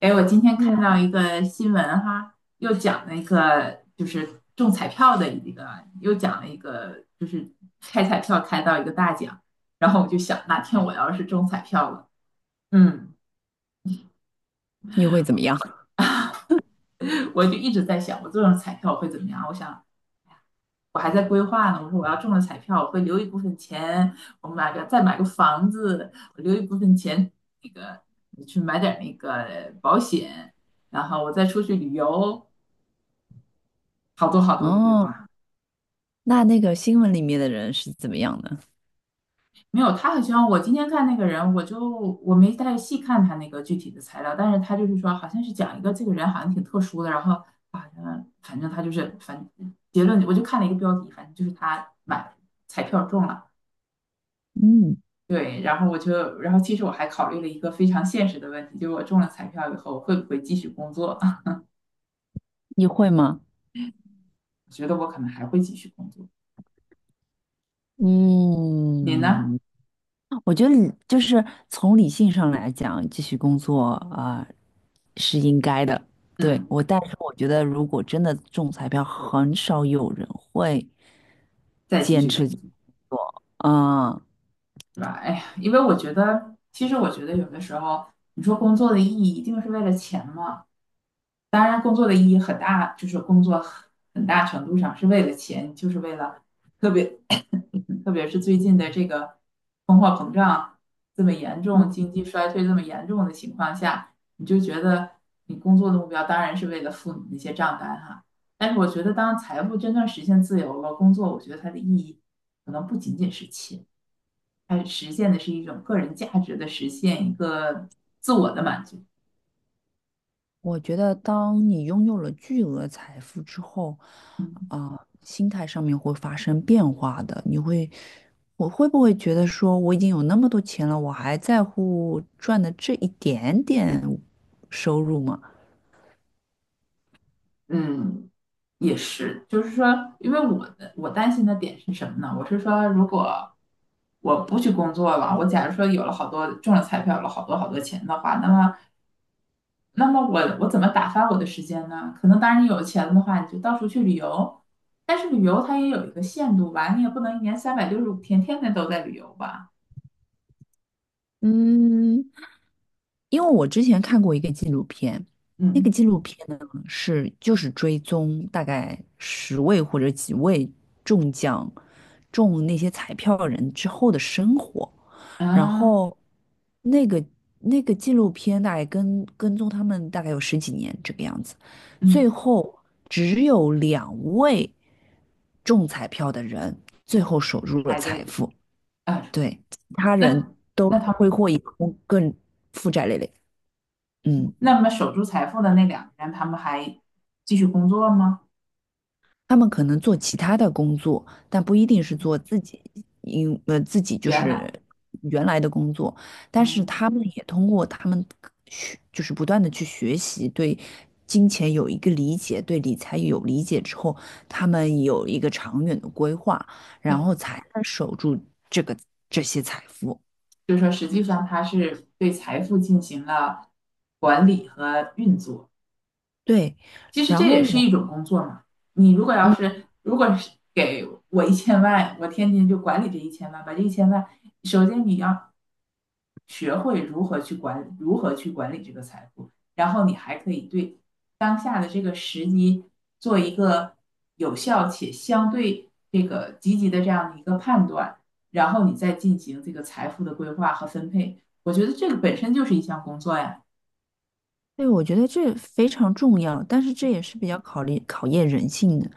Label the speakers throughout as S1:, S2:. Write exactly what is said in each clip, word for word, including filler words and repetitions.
S1: 哎，我今天看
S2: 嗯。
S1: 到一个新闻哈，又讲了一个就是中彩票的一个，又讲了一个就是开彩票开到一个大奖，然后我就想哪天我要是中彩票了，嗯。
S2: 你会怎么样？
S1: 我就一直在想我中了彩票会怎么样？我想我还在规划呢，我说我要中了彩票，我会留一部分钱，我买个再买个房子，我留一部分钱那个去买点那个保险，然后我再出去旅游，好多好多的规
S2: 哦，
S1: 划。
S2: 那那个新闻里面的人是怎么样的？
S1: 没有，他好像我今天看那个人，我就我没太细看他那个具体的材料，但是他就是说，好像是讲一个这个人好像挺特殊的，然后好像反正他就是反结论，我就看了一个标题，反正就是他买彩票中了。
S2: 嗯，
S1: 对，然后我就然后其实我还考虑了一个非常现实的问题，就是我中了彩票以后会不会继续工作？
S2: 你会吗？
S1: 我觉得我可能还会继续工作，你呢？
S2: 嗯，我觉得理就是从理性上来讲，继续工作啊，是应该的。对，
S1: 嗯，
S2: 我，但是我觉得如果真的中彩票，很少有人会
S1: 再继
S2: 坚
S1: 续
S2: 持。
S1: 工作。
S2: 嗯，
S1: 是吧？哎呀，因为我觉得，其实我觉得有的时候，你说工作的意义一定是为了钱吗？当然，工作的意义很大，就是工作很很大程度上是为了钱，就是为了特别特别是最近的这个通货膨胀这么严重、经济衰退这么严重的情况下，你就觉得你工作的目标当然是为了付你那些账单哈。但是我觉得，当财富真正实现自由了，工作我觉得它的意义可能不仅仅是钱。它实现的是一种个人价值的实现，一个自我的满足。
S2: 我觉得当你拥有了巨额财富之后，
S1: 嗯。
S2: 啊、心态上面会发生变化的。你会，我会不会觉得说我已经有那么多钱了，我还在乎赚的这一点点收入吗？
S1: 嗯，也是，就是说，因为我的我担心的点是什么呢？我是说，如果我不去工作了，我假如说有了好多中了彩票，有了好多好多钱的话，那么那么我我怎么打发我的时间呢？可能当然你有钱的话，你就到处去旅游，但是旅游它也有一个限度吧，你也不能一年三百六十五天天天都在旅游吧。
S2: 嗯，因为我之前看过一个纪录片，那个
S1: 嗯。
S2: 纪录片呢是就是追踪大概十位或者几位中奖中那些彩票人之后的生活，然
S1: 啊。
S2: 后那个那个纪录片大概跟跟踪他们大概有十几年这个样子，最
S1: 嗯，
S2: 后只有两位中彩票的人最后守住了
S1: 还
S2: 财
S1: 得。
S2: 富，
S1: 啊。
S2: 对，其他人
S1: 那
S2: 都
S1: 那他
S2: 挥霍
S1: 们
S2: 一空，更负债累累。嗯，
S1: 那么守住财富的那两个人，他们还继续工作吗？
S2: 他们可能做其他的工作，但不一定是做自己，因呃自己就
S1: 原来。
S2: 是原来的工作，但是他
S1: 嗯，
S2: 们也通过他们学，就是不断的去学习，对金钱有一个理解，对理财有理解之后，他们有一个长远的规划，然后才能守住这个这些财富。
S1: 就是说实际上他是对财富进行了管理和运作。
S2: 对，
S1: 其实
S2: 然
S1: 这
S2: 后
S1: 也是
S2: 我，
S1: 一种工作嘛。你如果要
S2: 嗯，
S1: 是如果是给我一千万，我天天就管理这一千万，把这一千万，首先你要学会如何去管，如何去管理这个财富，然后你还可以对当下的这个时机做一个有效且相对这个积极的这样的一个判断，然后你再进行这个财富的规划和分配。我觉得这个本身就是一项工作呀。
S2: 对，我觉得这非常重要，但是这也是比较考虑考验人性的。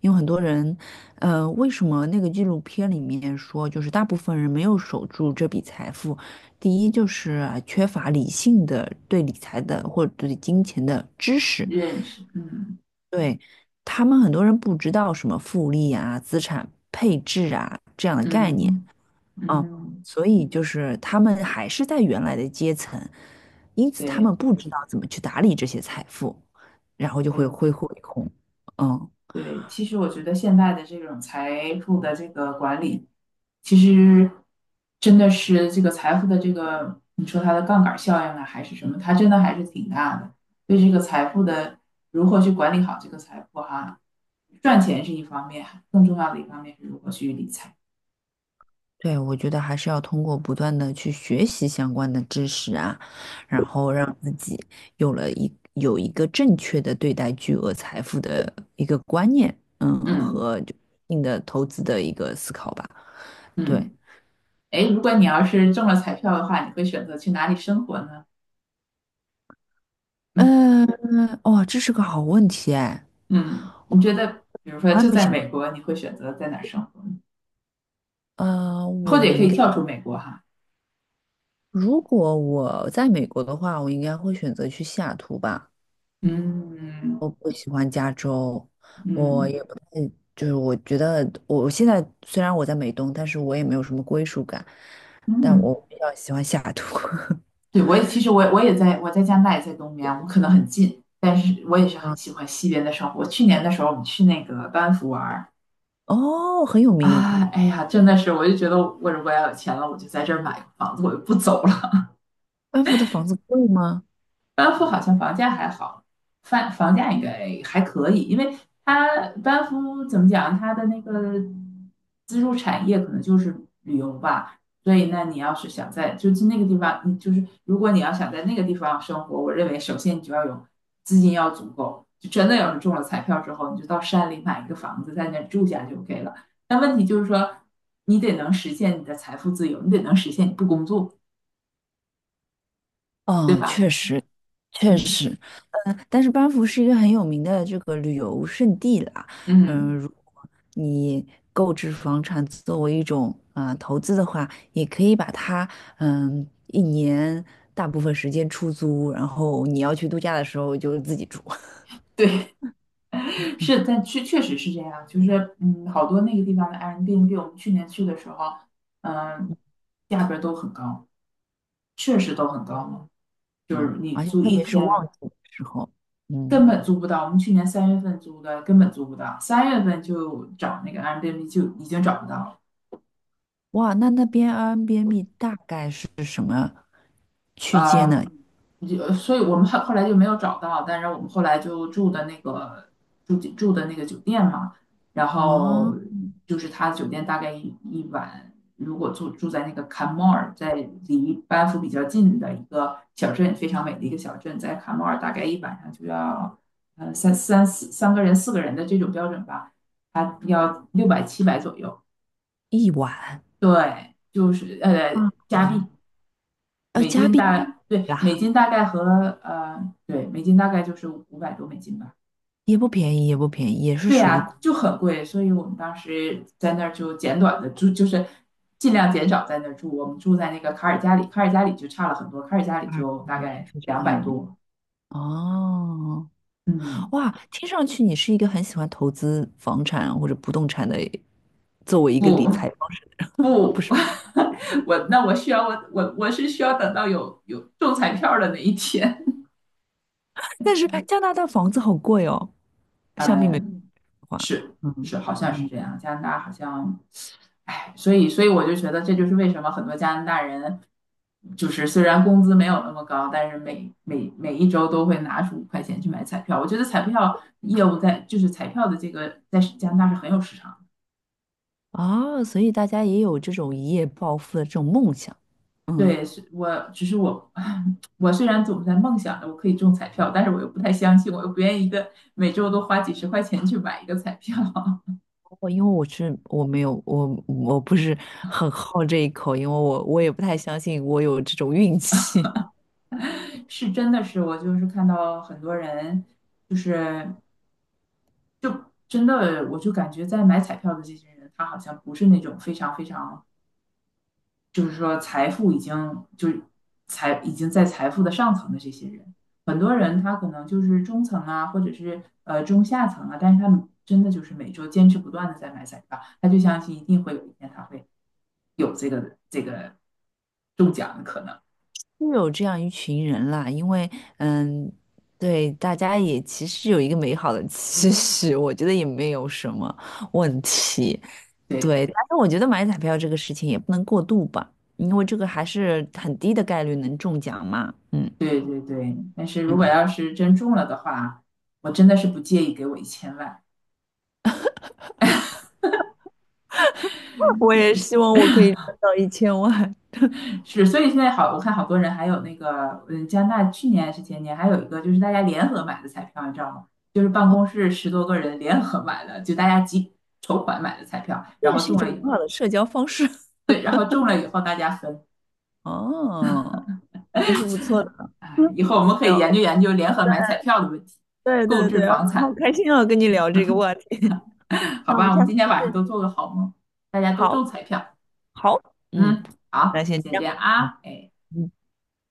S2: 因为很多人，呃，为什么那个纪录片里面说，就是大部分人没有守住这笔财富？第一就是啊缺乏理性的对理财的或者对金钱的知识，
S1: 认识。嗯。
S2: 对，他们很多人不知道什么复利啊、资产配置啊这样的概念
S1: 嗯。
S2: 啊，
S1: 嗯。
S2: 所以就是他们还是在原来的阶层，因此他
S1: 对。
S2: 们不知道怎么去打理这些财富，然后就会
S1: 对。
S2: 挥霍一空，嗯。
S1: 对，其实我觉得现在的这种财富的这个管理，其实真的是这个财富的这个，你说它的杠杆效应啊，还是什么，它真的还是挺大的。对这个财富的如何去管理好这个财富哈，赚钱是一方面，更重要的一方面是如何去理财。
S2: 对，我觉得还是要通过不断的去学习相关的知识啊，然后让自己有了一有一个正确的对待巨额财富的一个观念，嗯，
S1: 嗯。
S2: 和就一定的投资的一个思考吧。对，
S1: 嗯，哎，如果你要是中了彩票的话，你会选择去哪里生活呢？
S2: 嗯，哇，这是个好问题哎，
S1: 嗯，你觉得，比如说
S2: 我还
S1: 就
S2: 没
S1: 在
S2: 想。
S1: 美国，你会选择在哪儿生活呢？
S2: 呃，
S1: 或
S2: 我
S1: 者也可
S2: 应
S1: 以
S2: 该，
S1: 跳出美国哈。
S2: 如果我在美国的话，我应该会选择去西雅图吧。
S1: 嗯。
S2: 我不喜欢加州，我
S1: 嗯。
S2: 也不太，就是我觉得我现在虽然我在美东，但是我也没有什么归属感，但我
S1: 嗯，
S2: 比较喜欢下雅图。
S1: 对，我也其实我也我也在我在加拿大也在东边，我们可能很近，但是我也是很
S2: 啊，
S1: 喜欢西边的生活。去年的时候，我们去那个班夫玩儿。
S2: 哦，很有名，
S1: 啊，哎呀，真的是，我就觉得我如果要有钱了，我就在这儿买个房子，我就不走了。
S2: 班福的房子贵吗？
S1: 班夫好像房价还好，房房价应该还可以，因为它班夫怎么讲，它的那个支柱产业可能就是旅游吧，所以那你要是想在就是那个地方，你就是如果你要想在那个地方生活，我认为首先你就要有资金要足够，就真的有人中了彩票之后，你就到山里买一个房子在那住下就 OK 了。但问题就是说，你得能实现你的财富自由，你得能实现你不工作。
S2: 哦，确实，确
S1: 嗯。
S2: 实，嗯，但是班夫是一个很有名的这个旅游胜地啦。嗯，
S1: 嗯，
S2: 如果你购置房产作为一种啊、呃投资的话，也可以把它嗯一年大部分时间出租，然后你要去度假的时候就自己住。
S1: 对，是，但确确实是这样，就是嗯，好多那个地方的 Airbnb，我们去年去的时候，嗯，价格都很高，确实都很高嘛，就
S2: 嗯，
S1: 是你
S2: 而且
S1: 租
S2: 特
S1: 一
S2: 别是
S1: 天
S2: 旺季的时候，嗯，
S1: 根本租不到，我们去年三月份租的根本租不到，三月份就找那个 Airbnb 就已经找不到了。
S2: 哇，那那边 Airbnb 大概是区
S1: 呃，
S2: 间呢？
S1: 嗯，就所以我们后后来就没有找到，但是我们后来就住的那个住住的那个酒店嘛，然后
S2: 啊、
S1: 就是他酒店大概一一晚，如果住住在那个卡莫尔，在离班夫比较近的一个小镇，非常美的一个小镇，在卡莫尔大概一晚上就要呃三三四三个人四个人的这种标准吧，他要六百七百左右。
S2: 一晚
S1: 对，就是呃
S2: 啊，
S1: 加币。
S2: 啊，呃，
S1: 美
S2: 加
S1: 金
S2: 币
S1: 大，对，美
S2: 呀。
S1: 金大概和呃，对，美金大概就是五百多美金吧。
S2: 也不便宜，也不便宜，也是
S1: 对
S2: 属于
S1: 呀，
S2: 古
S1: 就很贵，所以我们当时在那儿就简短的住，就是尽量减少在那儿住。我们住在那个卡尔加里，卡尔加里就差了很多，卡尔加里
S2: 巴尔
S1: 就大
S2: 地也
S1: 概
S2: 非
S1: 两
S2: 常有
S1: 百
S2: 名。
S1: 多。
S2: 哦，
S1: 嗯，
S2: 哇，听上去你是一个很喜欢投资房产或者不动产的，作为一个
S1: 不，
S2: 理财方式，哦，不
S1: 不，
S2: 是，
S1: 我那我需要我我我是需要等到有有中彩票的那一天。
S2: 但是加拿大房子好贵哦，相比美国的话，嗯
S1: 是，好像是
S2: 嗯，
S1: 这样。加拿大好像，哎，所以，所以我就觉得这就是为什么很多加拿大人，就是虽然工资没有那么高，但是每每每一周都会拿出五块钱去买彩票。我觉得彩票业务在就是彩票的这个在加拿大是很有市场的。
S2: 啊，所以大家也有这种一夜暴富的这种梦想。嗯，
S1: 对，是我只是我，我虽然总在梦想着我可以中彩票，但是我又不太相信，我又不愿意一个每周都花几十块钱去买一个彩票。
S2: 不过因为我是我没有我我不是很好这一口，因为我我也不太相信我有这种运气。
S1: 是真的是，我就是看到很多人，就是就真的，我就感觉在买彩票的这些人，他好像不是那种非常非常，就是说财富已经就是财已经在财富的上层的这些人，很多人他可能就是中层啊，或者是呃中下层啊，但是他们真的就是每周坚持不断的在买彩票，他就相信一定会有一天他会有这个这个中奖的可能。
S2: 是有这样一群人啦，因为嗯，对，大家也其实有一个美好的 期许，我觉得也没有什么问题。
S1: 对，
S2: 对，但是我觉得买彩票这个事情也不能过度吧，因为这个还是很低的概率能中奖嘛。嗯
S1: 对，对，对，但是如果
S2: 嗯
S1: 要是真中了的话，我真的是不介意给我一千万。
S2: 我也希望我可以赚到一千万，
S1: 是，所以现在好，我看好多人还有那个，嗯，加拿大去年还是前年还有一个，就是大家联合买的彩票，你知道吗？就是办公室十多个人联合买的，就大家集筹款买的彩票，
S2: 这
S1: 然
S2: 也
S1: 后
S2: 是一
S1: 中
S2: 种
S1: 了以
S2: 很
S1: 后，
S2: 好的社交方式。
S1: 对，然后中了以后大家分。
S2: 哦，也是不错的。
S1: 哎，
S2: 嗯，
S1: 以后我们可
S2: 没有，
S1: 以研究研究联合买彩票的问题，
S2: 对
S1: 购
S2: 对
S1: 置
S2: 对，
S1: 房
S2: 好
S1: 产。
S2: 开心哦，跟你聊这个话题。
S1: 好
S2: 那我
S1: 吧？
S2: 们
S1: 我
S2: 下
S1: 们
S2: 次
S1: 今天
S2: 再
S1: 晚上
S2: 见。
S1: 都做个好梦，大家都
S2: 好。
S1: 中彩票。
S2: 好，嗯，
S1: 嗯，
S2: 那
S1: 好，
S2: 先
S1: 先
S2: 这
S1: 这
S2: 样，
S1: 样
S2: 嗯。
S1: 啊，哎。
S2: 嗯。